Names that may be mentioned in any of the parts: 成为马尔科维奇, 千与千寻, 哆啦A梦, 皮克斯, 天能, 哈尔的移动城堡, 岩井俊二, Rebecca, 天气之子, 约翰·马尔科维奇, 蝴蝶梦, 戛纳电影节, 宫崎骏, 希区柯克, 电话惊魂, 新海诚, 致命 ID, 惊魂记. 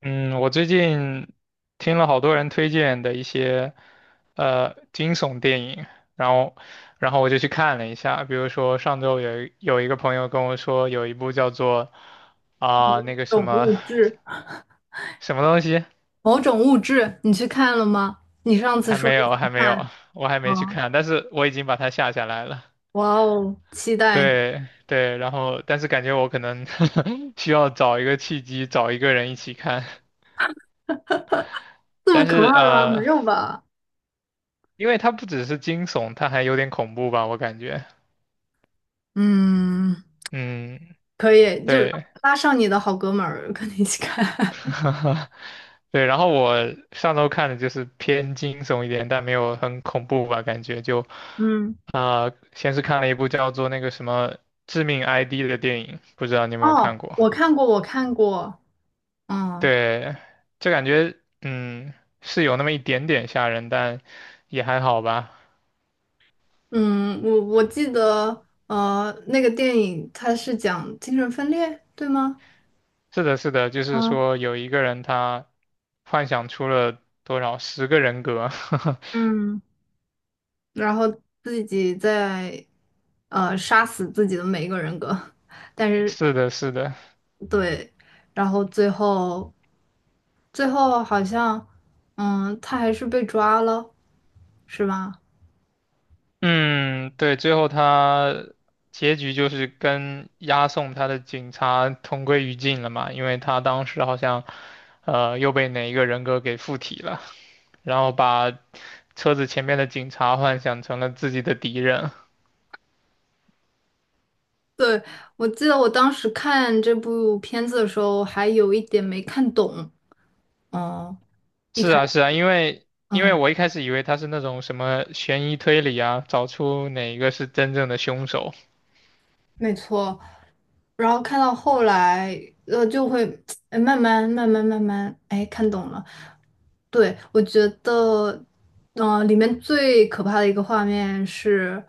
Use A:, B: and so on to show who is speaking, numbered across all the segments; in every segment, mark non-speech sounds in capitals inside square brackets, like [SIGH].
A: 嗯，我最近听了好多人推荐的一些惊悚电影，然后然后我就去看了一下，比如说上周有一个朋友跟我说有一部叫做啊、那个什
B: 种
A: 么
B: 物质，
A: 什么东西，
B: 某种物质，你去看了吗？你上次
A: 还
B: 说
A: 没
B: 你
A: 有还
B: 想
A: 没
B: 看，
A: 有，我还
B: 啊，
A: 没去
B: 哦，
A: 看，但是我已经把它下来了
B: 哇哦，期待，
A: 对对，然后但是感觉我可能 [LAUGHS] 需要找一个契机，找一个人一起看，
B: 这么
A: 但
B: 可
A: 是
B: 怕吗？没有吧？
A: 因为它不只是惊悚，它还有点恐怖吧，我感觉。
B: 嗯，
A: 嗯，
B: 可以，就是
A: 对，
B: 拉上你的好哥们儿跟你一起看。[LAUGHS]
A: [LAUGHS] 对，然后我上周看的就是偏惊悚一点，但没有很恐怖吧，感觉就，
B: 嗯，
A: 先是看了一部叫做那个什么《致命 ID》的电影，不知道你有没有
B: 哦，
A: 看过？
B: 我看过，我看过，嗯
A: 对，就感觉是有那么一点点吓人，但也还好吧。
B: 嗯，我记得，那个电影它是讲精神分裂，对吗？
A: 是的，是的，就是
B: 啊，
A: 说有一个人他幻想出了多少十个人格，
B: 嗯，然后自己在杀死自己的每一个人格，但
A: [LAUGHS]
B: 是
A: 是的，是的。
B: 对，然后最后好像，嗯，他还是被抓了，是吧？
A: 嗯，对，最后他结局就是跟押送他的警察同归于尽了嘛，因为他当时好像又被哪一个人格给附体了，然后把车子前面的警察幻想成了自己的敌人。
B: 对，我记得我当时看这部片子的时候，还有一点没看懂，嗯，一
A: 是
B: 开，
A: 啊，是啊，因为
B: 嗯。
A: 我一开始以为他是那种什么悬疑推理啊，找出哪一个是真正的凶手。
B: 没错，然后看到后来，就会哎慢慢慢慢慢慢哎看懂了。对，我觉得，嗯、里面最可怕的一个画面是，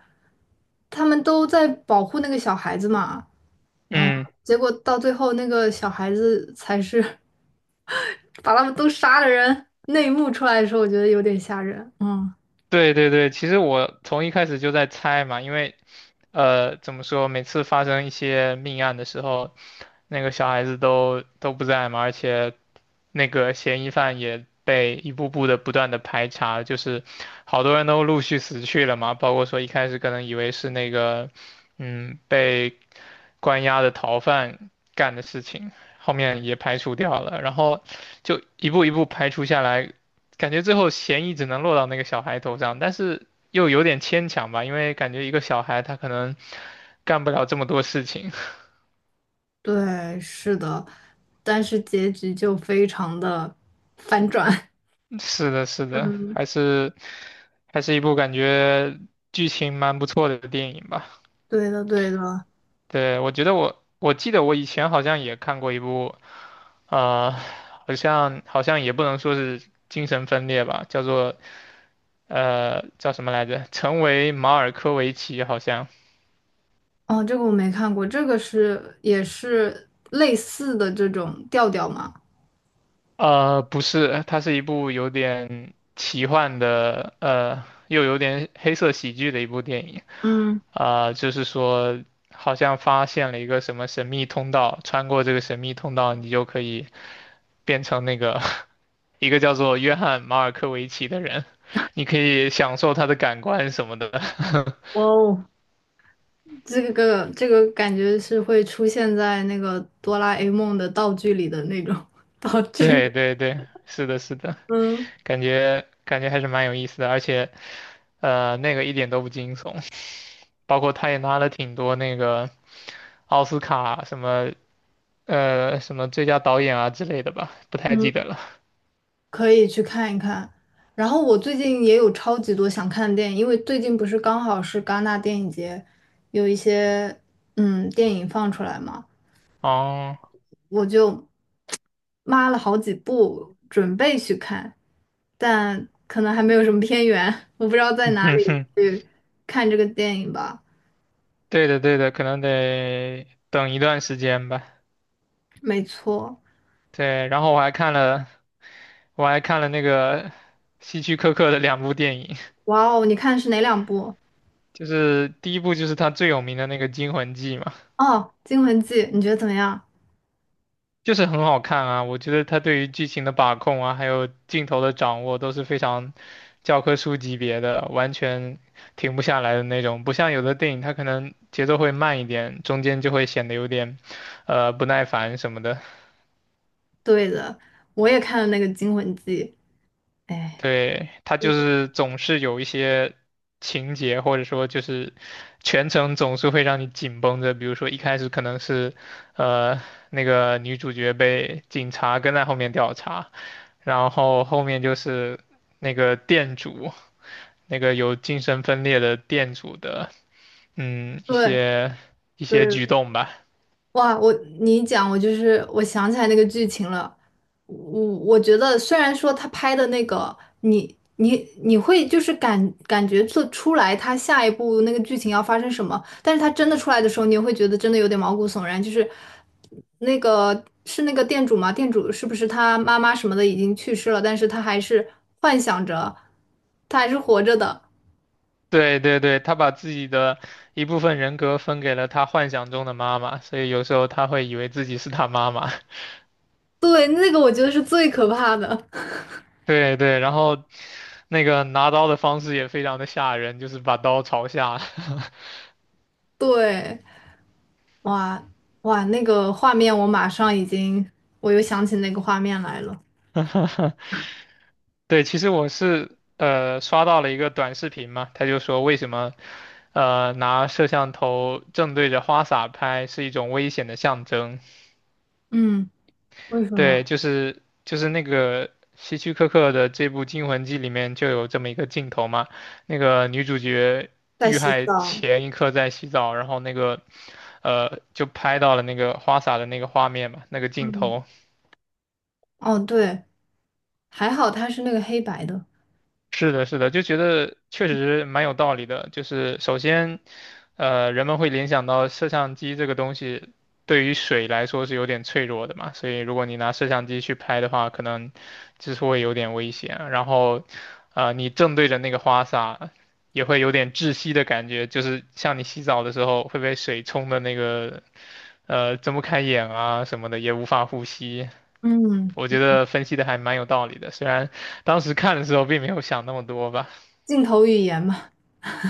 B: 他们都在保护那个小孩子嘛，嗯，
A: 嗯。
B: 结果到最后那个小孩子才是 [LAUGHS] 把他们都杀了人。那一幕出来的时候，我觉得有点吓人。嗯，
A: 对对对，其实我从一开始就在猜嘛，因为怎么说，每次发生一些命案的时候，那个小孩子都不在嘛，而且那个嫌疑犯也被一步步的不断的排查，就是好多人都陆续死去了嘛，包括说一开始可能以为是那个被关押的逃犯干的事情，后面也排除掉了，然后就一步一步排除下来，感觉最后嫌疑只能落到那个小孩头上，但是又有点牵强吧，因为感觉一个小孩他可能干不了这么多事情。
B: 对，是的，但是结局就非常的反转。
A: [LAUGHS] 是的，是
B: [LAUGHS]
A: 的，
B: 嗯。
A: 还是一部感觉剧情蛮不错的电影吧。
B: 对的，对的，
A: 对，我觉得我记得我以前好像也看过一部，呃，好像也不能说是精神分裂吧，叫做叫什么来着？成为马尔科维奇好像。
B: 哦，这个我没看过，这个是也是类似的这种调调嘛？
A: 呃，不是，它是一部有点奇幻的，呃，又有点黑色喜剧的一部电影。
B: 嗯，
A: 就是说，好像发现了一个什么神秘通道，穿过这个神秘通道，你就可以变成那个 [LAUGHS] 一个叫做约翰·马尔科维奇的人，你可以享受他的感官什么的。
B: 哇哦，这个感觉是会出现在那个哆啦 A 梦的道具里的那种 [LAUGHS] 道
A: [LAUGHS]
B: 具，
A: 对
B: [LAUGHS]
A: 对对，是的，是的，
B: 嗯，
A: 感觉还是蛮有意思的，而且，呃，那个一点都不惊悚。包括他也拿了挺多那个奥斯卡什么什么最佳导演啊之类的吧，不太记得
B: 嗯
A: 了。
B: 可以去看一看。然后我最近也有超级多想看的电影，因为最近不是刚好是戛纳电影节，有一些电影放出来嘛，
A: 哦，
B: 我就抹了好几部，准备去看，但可能还没有什么片源，[LAUGHS] 我不知道在
A: [LAUGHS]
B: 哪
A: 哼
B: 里
A: 哼，
B: 去看这个电影吧。
A: 对的对的，可能得等一段时间吧。
B: 没错，
A: 对，然后我还看了那个希区柯克的两部电影，
B: 哇哦，你看的是哪两部？
A: 就是第一部就是他最有名的那个《惊魂记》嘛。
B: 哦，《惊魂记》，你觉得怎么样？
A: 就是很好看啊，我觉得他对于剧情的把控啊，还有镜头的掌握都是非常教科书级别的，完全停不下来的那种。不像有的电影，它可能节奏会慢一点，中间就会显得有点不耐烦什么的。
B: 对的，我也看了那个《惊魂记》。哎，
A: 对，他就是总是有一些情节，或者说就是全程总是会让你紧绷着。比如说一开始可能是，呃，那个女主角被警察跟在后面调查，然后后面就是那个店主，那个有精神分裂的店主的，嗯，一
B: 对
A: 些一
B: 对，
A: 些举动吧。
B: 哇，你一讲，我就是我想起来那个剧情了。我觉得，虽然说他拍的那个，你你你会就是感觉做出来他下一步那个剧情要发生什么，但是他真的出来的时候，你也会觉得真的有点毛骨悚然。就是那个是那个店主吗？店主是不是他妈妈什么的已经去世了，但是他还是幻想着他还是活着的。
A: 对对对，他把自己的一部分人格分给了他幻想中的妈妈，所以有时候他会以为自己是他妈妈。
B: 对，那个我觉得是最可怕的。
A: 对对，然后那个拿刀的方式也非常的吓人，就是把刀朝下。
B: [LAUGHS] 对。哇哇，那个画面我马上已经，我又想起那个画面来了。
A: [LAUGHS] 对，其实我是刷到了一个短视频嘛，他就说为什么拿摄像头正对着花洒拍是一种危险的象征。
B: 嗯，为什
A: 对，
B: 么
A: 就是那个希区柯克的这部《惊魂记》里面就有这么一个镜头嘛，那个女主角
B: 在
A: 遇
B: 洗
A: 害
B: 澡？
A: 前一刻在洗澡，然后那个就拍到了那个花洒的那个画面嘛，那个镜
B: 嗯，
A: 头，
B: 哦对，还好它是那个黑白的。
A: 是的，是的，就觉得确实蛮有道理的。就是首先，呃，人们会联想到摄像机这个东西对于水来说是有点脆弱的嘛，所以如果你拿摄像机去拍的话，可能就是会有点危险啊。然后，呃，你正对着那个花洒，也会有点窒息的感觉，就是像你洗澡的时候会被水冲的那个，呃，睁不开眼啊什么的，也无法呼吸。
B: 嗯，
A: 我觉得分析的还蛮有道理的，虽然当时看的时候并没有想那么多吧。
B: 镜头语言嘛。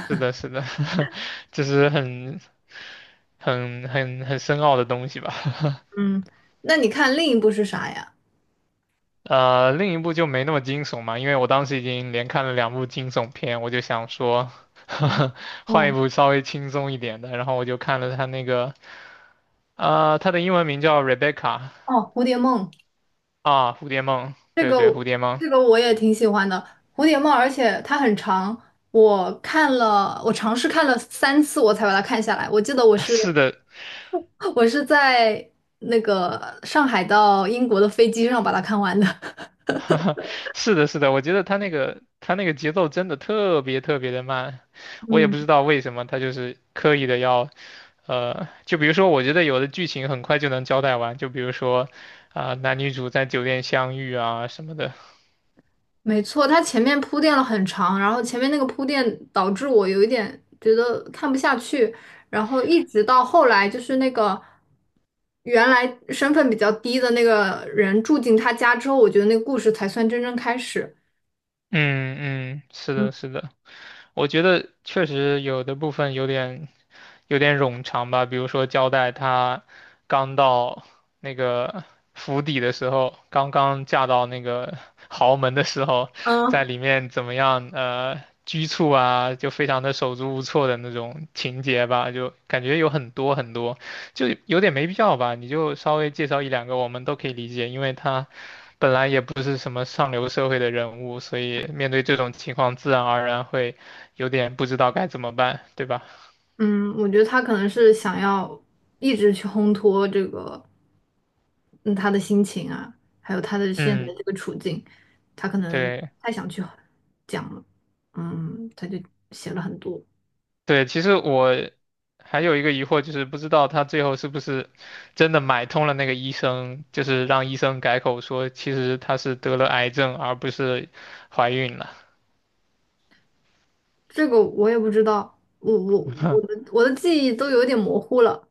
A: 是的，是的，[LAUGHS] 就是很很很深奥的东西吧。
B: 嗯，那你看另一部是啥呀？
A: 呃，另一部就没那么惊悚嘛，因为我当时已经连看了两部惊悚片，我就想说，[LAUGHS] 换一
B: 嗯，
A: 部稍微轻松一点的。然后我就看了他那个，呃，他的英文名叫 Rebecca
B: 哦，蝴蝶梦。
A: 啊，蝴蝶梦，
B: 这
A: 对
B: 个
A: 对，蝴蝶梦，
B: 这个我也挺喜欢的，蝴蝶帽，而且它很长，我看了，我尝试看了3次，我才把它看下来。我记得我
A: [LAUGHS]
B: 是
A: 是的，
B: [LAUGHS] 我是在那个上海到英国的飞机上把它看完的。
A: [LAUGHS] 是的，是的，我觉得他那个节奏真的特别的慢，
B: [LAUGHS]
A: 我也
B: 嗯。
A: 不知道为什么他就是刻意的要，呃，就比如说，我觉得有的剧情很快就能交代完，就比如说，男女主在酒店相遇啊什么的。
B: 没错，他前面铺垫了很长，然后前面那个铺垫导致我有一点觉得看不下去，然后一直到后来就是那个原来身份比较低的那个人住进他家之后，我觉得那个故事才算真正开始。
A: 嗯嗯，是
B: 嗯
A: 的，是的。我觉得确实有的部分有点冗长吧，比如说交代她刚到那个府邸的时候，刚刚嫁到那个 [LAUGHS] 豪门的时候，在
B: 嗯，
A: 里面怎么样拘束啊，就非常的手足无措的那种情节吧，就感觉有很多很多，就有点没必要吧，你就稍微介绍一两个我们都可以理解，因为她本来也不是什么上流社会的人物，所以面对这种情况，自然而然会有点不知道该怎么办，对吧？
B: 嗯，我觉得他可能是想要一直去烘托这个，嗯，他的心情啊，还有他的现在
A: 嗯，
B: 这个处境，他可能
A: 对
B: 太想去讲了，嗯，他就写了很多。
A: 对，其实我还有一个疑惑，就是不知道他最后是不是真的买通了那个医生，就是让医生改口说，其实他是得了癌症，而不是怀孕了。
B: 这个我也不知道，我我我
A: [LAUGHS]
B: 的我的记忆都有点模糊了。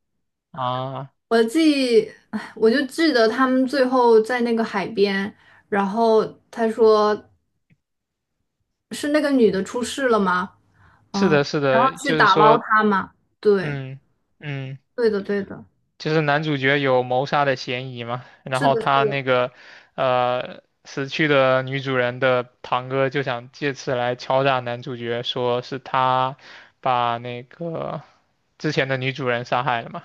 A: 啊，
B: 我的记忆，唉我就记得他们最后在那个海边，然后他说是那个女的出事了吗？
A: 是
B: 嗯，
A: 的，是
B: 然后
A: 的，
B: 去
A: 就是
B: 打捞
A: 说，
B: 她嘛。对，
A: 嗯嗯。
B: 对的，对的，
A: 就是男主角有谋杀的嫌疑嘛，然
B: 是
A: 后
B: 的，是
A: 他那
B: 的，
A: 个死去的女主人的堂哥就想借此来敲诈男主角，说是他把那个之前的女主人杀害了嘛。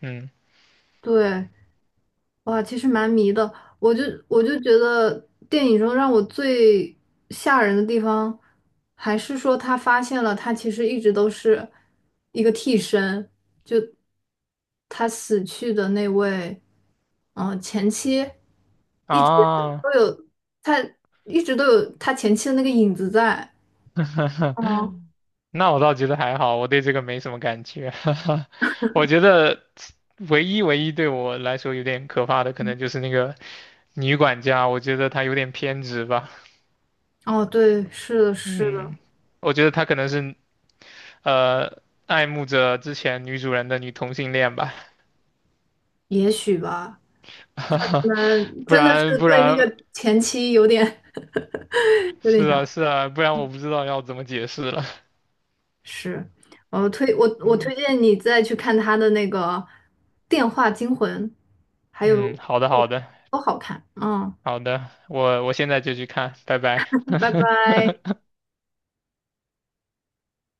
A: 嗯
B: 对。哇，其实蛮迷的。我就我就觉得电影中让我最吓人的地方，还是说他发现了他其实一直都是一个替身，就他死去的那位，嗯、前妻一直
A: 啊，
B: 都有他一直都有他前妻的那个影子在。
A: [LAUGHS]
B: 嗯，
A: 那我倒觉得还好，我对这个没什么感觉。[LAUGHS] 我觉得唯一对我来说有点可怕的，可能就是那个女管家，我觉得她有点偏执吧。
B: 哦，对，是的，是的，
A: 嗯。我觉得她可能是爱慕着之前女主人的女同性恋吧，
B: 也许吧，可
A: [LAUGHS]
B: 能
A: 不
B: 真的是
A: 然不
B: 对那
A: 然
B: 个前妻有点 [LAUGHS] 有
A: 是
B: 点
A: 啊
B: 想。
A: 是啊，不然我不知道要怎么解释了。
B: 是，我推我我
A: 嗯
B: 推荐你再去看他的那个《电话惊魂》，还
A: 嗯，
B: 有
A: 好的
B: 都好看。嗯，
A: 好的，我现在就去看，拜拜。
B: 拜
A: [LAUGHS]
B: 拜。